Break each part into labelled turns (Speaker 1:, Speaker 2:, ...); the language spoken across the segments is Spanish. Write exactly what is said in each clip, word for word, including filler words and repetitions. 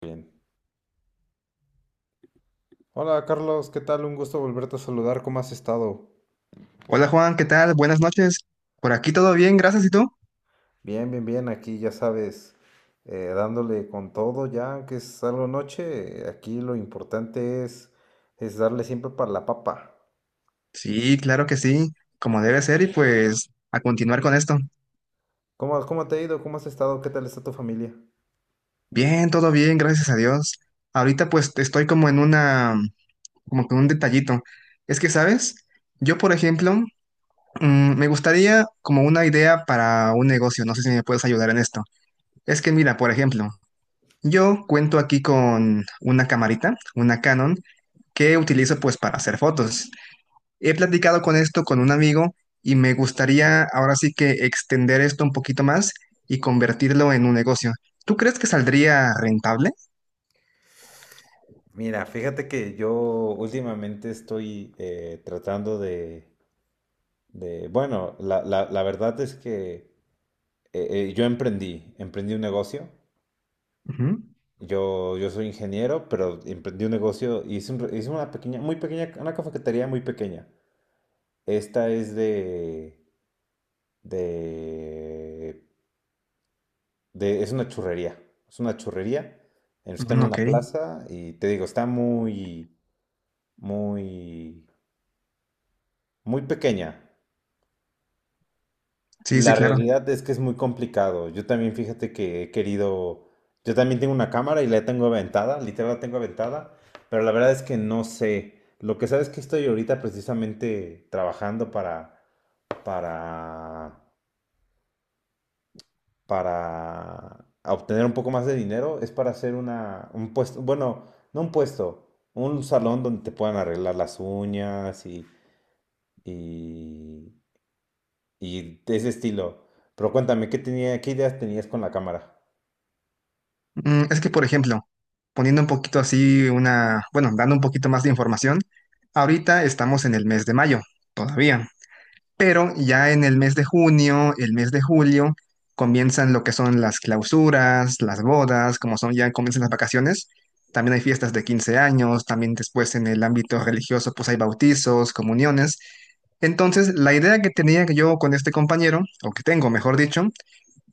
Speaker 1: Bien. Hola Carlos, ¿qué tal? Un gusto volverte a saludar. ¿Cómo has estado?
Speaker 2: Hola Juan, ¿qué tal? Buenas noches. Por aquí todo bien, gracias. ¿Y tú?
Speaker 1: Bien, bien, bien, aquí ya sabes, eh, dándole con todo ya, que es algo noche, aquí lo importante es, es darle siempre para la papa.
Speaker 2: Sí, claro que sí, como debe ser y pues a continuar con esto.
Speaker 1: ¿Cómo, cómo te ha ido? ¿Cómo has estado? ¿Qué tal está tu familia?
Speaker 2: Bien, todo bien, gracias a Dios. Ahorita pues estoy como en una, como con un detallito. Es que, ¿sabes? Yo, por ejemplo, mm, me gustaría como una idea para un negocio. No sé si me puedes ayudar en esto. Es que mira, por ejemplo, yo cuento aquí con una camarita, una Canon, que utilizo pues para hacer fotos. He platicado con esto con un amigo y me gustaría ahora sí que extender esto un poquito más y convertirlo en un negocio. ¿Tú crees que saldría rentable?
Speaker 1: Mira, fíjate que yo últimamente estoy eh, tratando de, de- bueno, la, la- la verdad es que eh, eh, yo emprendí, emprendí un negocio.
Speaker 2: Ujú.
Speaker 1: Yo, yo soy ingeniero, pero emprendí un negocio y hice, un- re- hice una pequeña, muy pequeña, una cafetería muy pequeña. Esta es de, de, de- es una churrería. Es una churrería. Está en
Speaker 2: Mm, ok,
Speaker 1: una plaza y te digo, está muy, muy, muy pequeña.
Speaker 2: sí, sí,
Speaker 1: La
Speaker 2: claro.
Speaker 1: realidad es que es muy complicado. Yo también, fíjate que he querido, yo también tengo una cámara y la tengo aventada, literal la tengo aventada, pero la verdad es que no sé. Lo que sabes es que estoy ahorita precisamente trabajando para, para, para obtener un poco más de dinero, es para hacer una, un puesto, bueno, no un puesto, un salón donde te puedan arreglar las uñas y, y, y de ese estilo. Pero cuéntame, ¿qué tenía, ¿qué ideas tenías con la cámara?
Speaker 2: Mm, es que, por ejemplo, poniendo un poquito así una, bueno, dando un poquito más de información, ahorita estamos en el mes de mayo todavía, pero ya en el mes de junio, el mes de julio, comienzan lo que son las clausuras, las bodas, como son ya comienzan las vacaciones. También hay fiestas de quince años, también después en el ámbito religioso, pues hay bautizos, comuniones. Entonces, la idea que tenía yo con este compañero, o que tengo, mejor dicho,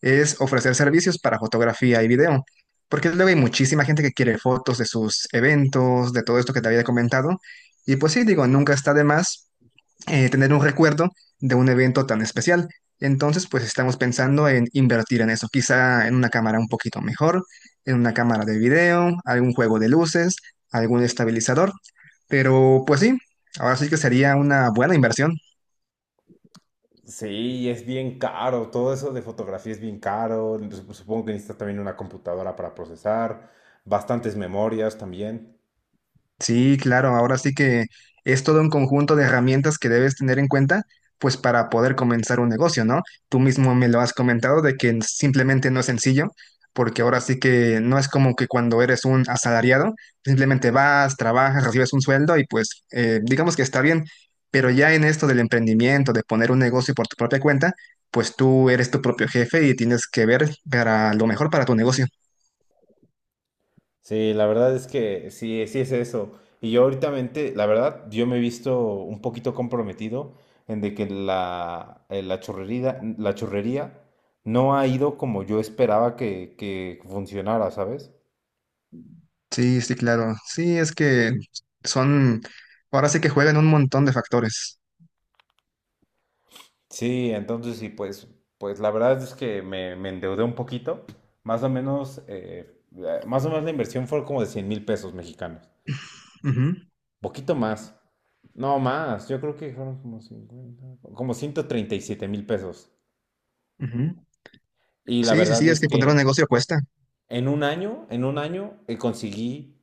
Speaker 2: es ofrecer servicios para fotografía y video, porque luego hay muchísima gente que quiere fotos de sus eventos, de todo esto que te había comentado, y pues sí, digo, nunca está de más eh, tener un recuerdo de un evento tan especial. Entonces, pues estamos pensando en invertir en eso, quizá en una cámara un poquito mejor, en una cámara de video, algún juego de luces, algún estabilizador, pero pues sí, ahora sí que sería una buena inversión.
Speaker 1: Sí, y es bien caro, todo eso de fotografía es bien caro, sup- supongo que necesitas también una computadora para procesar, bastantes memorias también.
Speaker 2: Sí, claro, ahora sí que es todo un conjunto de herramientas que debes tener en cuenta, pues para poder comenzar un negocio, ¿no? Tú mismo me lo has comentado de que simplemente no es sencillo, porque ahora sí que no es como que cuando eres un asalariado, simplemente vas, trabajas, recibes un sueldo y pues eh, digamos que está bien, pero ya en esto del emprendimiento, de poner un negocio por tu propia cuenta, pues tú eres tu propio jefe y tienes que ver para lo mejor para tu negocio.
Speaker 1: Sí, la verdad es que sí, sí es eso. Y yo ahorita, la verdad, yo me he visto un poquito comprometido en de que la, eh, la chorrería, la chorrería no ha ido como yo esperaba que, que funcionara, ¿sabes?
Speaker 2: Sí, sí, claro. Sí, es que son, ahora sí que juegan un montón de factores.
Speaker 1: Sí, entonces sí, pues, pues la verdad es que me, me endeudé un poquito. Más o menos, eh, la- más o menos la inversión fue como de cien mil pesos mexicanos.
Speaker 2: Ujú,
Speaker 1: Poquito más. No más, yo creo que fueron como cincuenta, como ciento treinta y siete mil pesos.
Speaker 2: ujú.
Speaker 1: Y la
Speaker 2: Sí, sí, sí,
Speaker 1: verdad
Speaker 2: es
Speaker 1: es
Speaker 2: que poner un
Speaker 1: que
Speaker 2: negocio cuesta.
Speaker 1: en un año, en un año eh, conseguí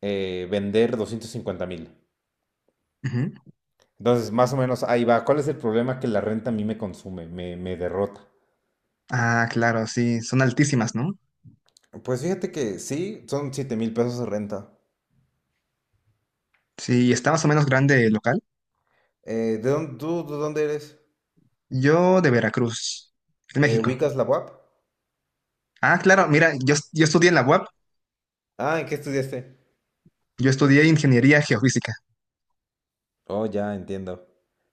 Speaker 1: eh, vender doscientos cincuenta mil.
Speaker 2: Ujú.
Speaker 1: Entonces, más o menos ahí va. ¿Cuál es el problema? Que la renta a mí me consume, me, me derrota.
Speaker 2: Ah, claro, sí, son altísimas, ¿no?
Speaker 1: Pues fíjate que sí, son siete mil pesos de renta.
Speaker 2: Sí, está más o menos grande el local.
Speaker 1: Eh, ¿de dónde, tú, ¿de dónde eres?
Speaker 2: Yo de Veracruz, de
Speaker 1: Eh,
Speaker 2: México.
Speaker 1: ¿ubicas la U A P?
Speaker 2: Ah, claro, mira, yo, yo estudié en la U A P,
Speaker 1: Ah, ¿en qué estudiaste?
Speaker 2: yo estudié ingeniería geofísica.
Speaker 1: Oh, ya entiendo.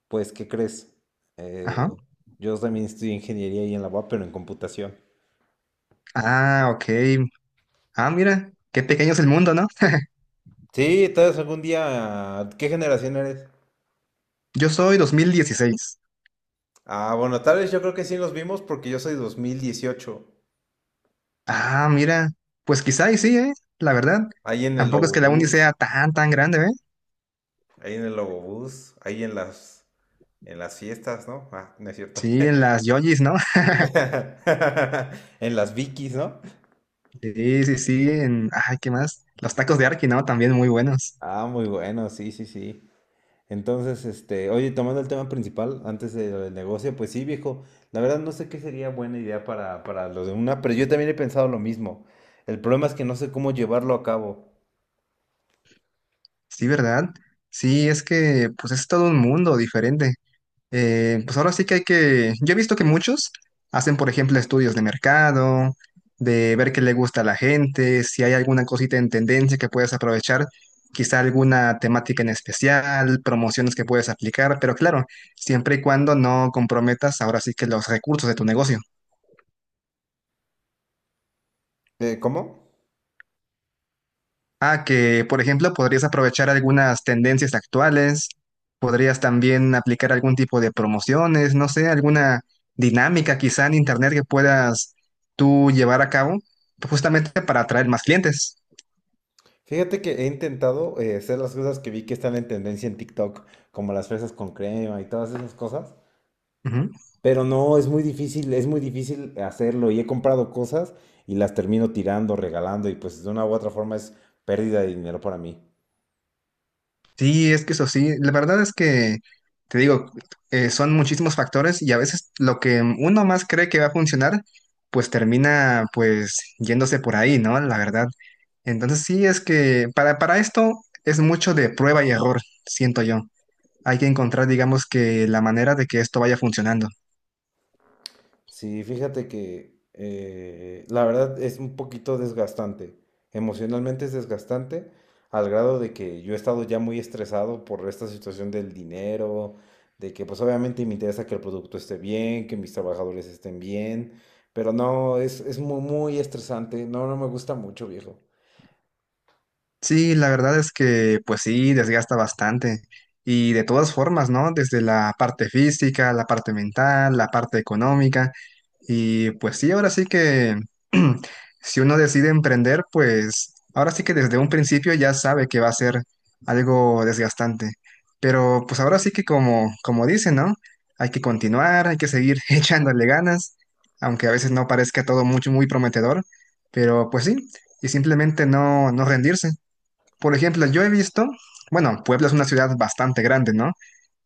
Speaker 1: Pues, ¿qué crees?
Speaker 2: Ajá.
Speaker 1: Eh, yo también estudié ingeniería y en la U A P, pero en computación.
Speaker 2: Ah, ok. Ah, mira, qué pequeño es el mundo, ¿no?
Speaker 1: Sí, tal vez algún día. ¿Qué generación eres?
Speaker 2: Yo soy dos mil dieciséis.
Speaker 1: Ah, bueno, tal vez yo creo que sí nos vimos porque yo soy dos mil dieciocho.
Speaker 2: Ah, mira, pues quizá y sí, ¿eh? La verdad,
Speaker 1: Ahí en el
Speaker 2: tampoco es que la uni
Speaker 1: Lobobús,
Speaker 2: sea tan, tan grande, ¿eh?
Speaker 1: Ahí en el Lobobús, ahí en las, en las fiestas, ¿no? Ah, no es cierto.
Speaker 2: Sí, en las yojis, ¿no?
Speaker 1: En las Vikis, ¿no?
Speaker 2: Sí, sí, sí, en... Ay, ¿qué más? Los tacos de Arki, ¿no? También muy buenos.
Speaker 1: Ah, muy bueno, sí, sí, sí. Entonces, este, oye, tomando el tema principal, antes de lo del negocio, pues sí, viejo, la verdad no sé qué sería buena idea para, para lo de una, pero yo también he pensado lo mismo. El problema es que no sé cómo llevarlo a cabo.
Speaker 2: Sí, ¿verdad? Sí, es que, pues es todo un mundo diferente. Eh, pues ahora sí que hay que, yo he visto que muchos hacen, por ejemplo, estudios de mercado, de ver qué le gusta a la gente, si hay alguna cosita en tendencia que puedes aprovechar, quizá alguna temática en especial, promociones que puedes aplicar, pero claro, siempre y cuando no comprometas ahora sí que los recursos de tu negocio.
Speaker 1: Eh, ¿cómo?
Speaker 2: Ah, que por ejemplo podrías aprovechar algunas tendencias actuales, podrías también aplicar algún tipo de promociones, no sé, alguna dinámica quizá en internet que puedas tú llevar a cabo justamente para atraer más clientes.
Speaker 1: Fíjate que he intentado eh, hacer las cosas que vi que están en tendencia en TikTok, como las fresas con crema y todas esas cosas,
Speaker 2: Ujú.
Speaker 1: pero no, es muy difícil, es muy difícil hacerlo y he comprado cosas y las termino tirando, regalando y pues de una u otra forma es pérdida de dinero para mí.
Speaker 2: Sí, es que eso sí, la verdad es que te digo, eh, son muchísimos factores y a veces lo que uno más cree que va a funcionar, pues termina pues yéndose por ahí, ¿no? La verdad. Entonces sí, es que para, para esto es mucho de prueba y error, siento yo. Hay que encontrar, digamos que la manera de que esto vaya funcionando.
Speaker 1: Sí, fíjate que eh, la verdad es un poquito desgastante. Emocionalmente es desgastante al grado de que yo he estado ya muy estresado por esta situación del dinero, de que pues obviamente me interesa que el producto esté bien, que mis trabajadores estén bien, pero no, es, es muy, muy estresante. No, no me gusta mucho, viejo.
Speaker 2: Sí, la verdad es que pues sí, desgasta bastante. Y de todas formas, ¿no? Desde la parte física, la parte mental, la parte económica. Y pues sí, ahora sí que si uno decide emprender, pues ahora sí que desde un principio ya sabe que va a ser algo desgastante. Pero pues ahora sí que como, como dicen, ¿no? Hay que continuar, hay que seguir echándole ganas, aunque a veces no parezca todo mucho muy prometedor. Pero pues sí, y simplemente no, no rendirse. Por ejemplo, yo he visto, bueno, Puebla es una ciudad bastante grande, ¿no?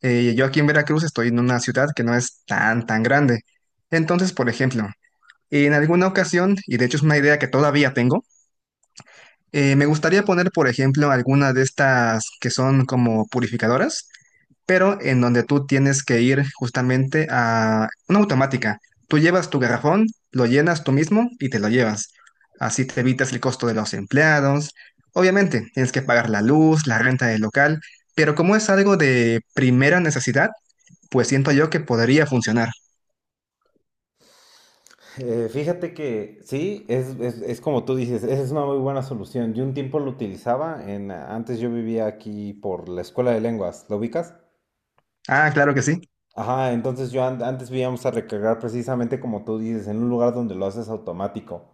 Speaker 2: Eh, yo aquí en Veracruz estoy en una ciudad que no es tan, tan grande. Entonces, por ejemplo, en alguna ocasión, y de hecho es una idea que todavía tengo, eh, me gustaría poner, por ejemplo, alguna de estas que son como purificadoras pero en donde tú tienes que ir justamente a una automática. Tú llevas tu garrafón, lo llenas tú mismo y te lo llevas. Así te evitas el costo de los empleados. Obviamente, tienes que pagar la luz, la renta del local, pero como es algo de primera necesidad, pues siento yo que podría funcionar.
Speaker 1: Eh, fíjate que sí, es, es, es como tú dices, esa es una muy buena solución. Yo un tiempo lo utilizaba, en, antes yo vivía aquí por la escuela de lenguas, ¿lo ubicas?
Speaker 2: Ah, claro que sí.
Speaker 1: Ajá, entonces yo an- antes íbamos a recargar precisamente como tú dices, en un lugar donde lo haces automático.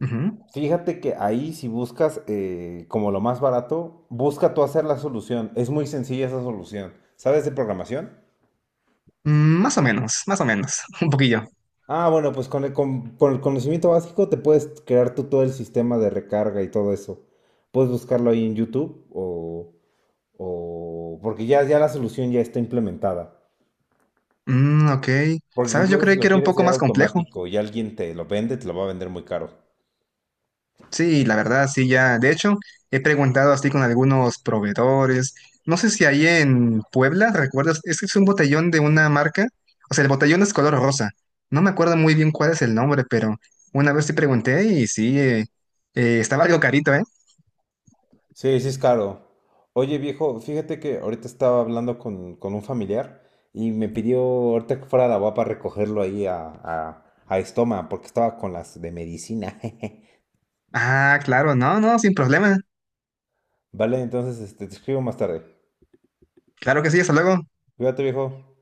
Speaker 2: Ujú.
Speaker 1: Fíjate que ahí si buscas eh, como lo más barato, busca tú hacer la solución. Es muy sencilla esa solución. ¿Sabes de programación?
Speaker 2: Mm, Más o menos, más o menos, un poquillo.
Speaker 1: Ah, bueno, pues con el, con, con el conocimiento básico te puedes crear tú todo el sistema de recarga y todo eso. Puedes buscarlo ahí en YouTube o, o porque ya, ya la solución ya está implementada.
Speaker 2: Mm, ok.
Speaker 1: Porque
Speaker 2: ¿Sabes? Yo
Speaker 1: incluso si
Speaker 2: creí que
Speaker 1: lo
Speaker 2: era un
Speaker 1: quieres
Speaker 2: poco
Speaker 1: hacer
Speaker 2: más complejo.
Speaker 1: automático y alguien te lo vende, te lo va a vender muy caro.
Speaker 2: Sí, la verdad, sí, ya. De hecho, he preguntado así con algunos proveedores. No sé si ahí en Puebla, ¿recuerdas? Es que es un botellón de una marca. O sea, el botellón es color rosa. No me acuerdo muy bien cuál es el nombre, pero una vez sí pregunté y sí, eh, eh, estaba algo carito, ¿eh?
Speaker 1: Sí, sí es caro. Oye, viejo, fíjate que ahorita estaba hablando con, con un familiar y me pidió ahorita que fuera a la U A P recogerlo ahí a, a, a Estoma, porque estaba con las de medicina.
Speaker 2: Ah, claro, no, no, sin problema.
Speaker 1: Vale, entonces este, te escribo más tarde.
Speaker 2: Claro que sí, hasta luego.
Speaker 1: Cuídate, viejo.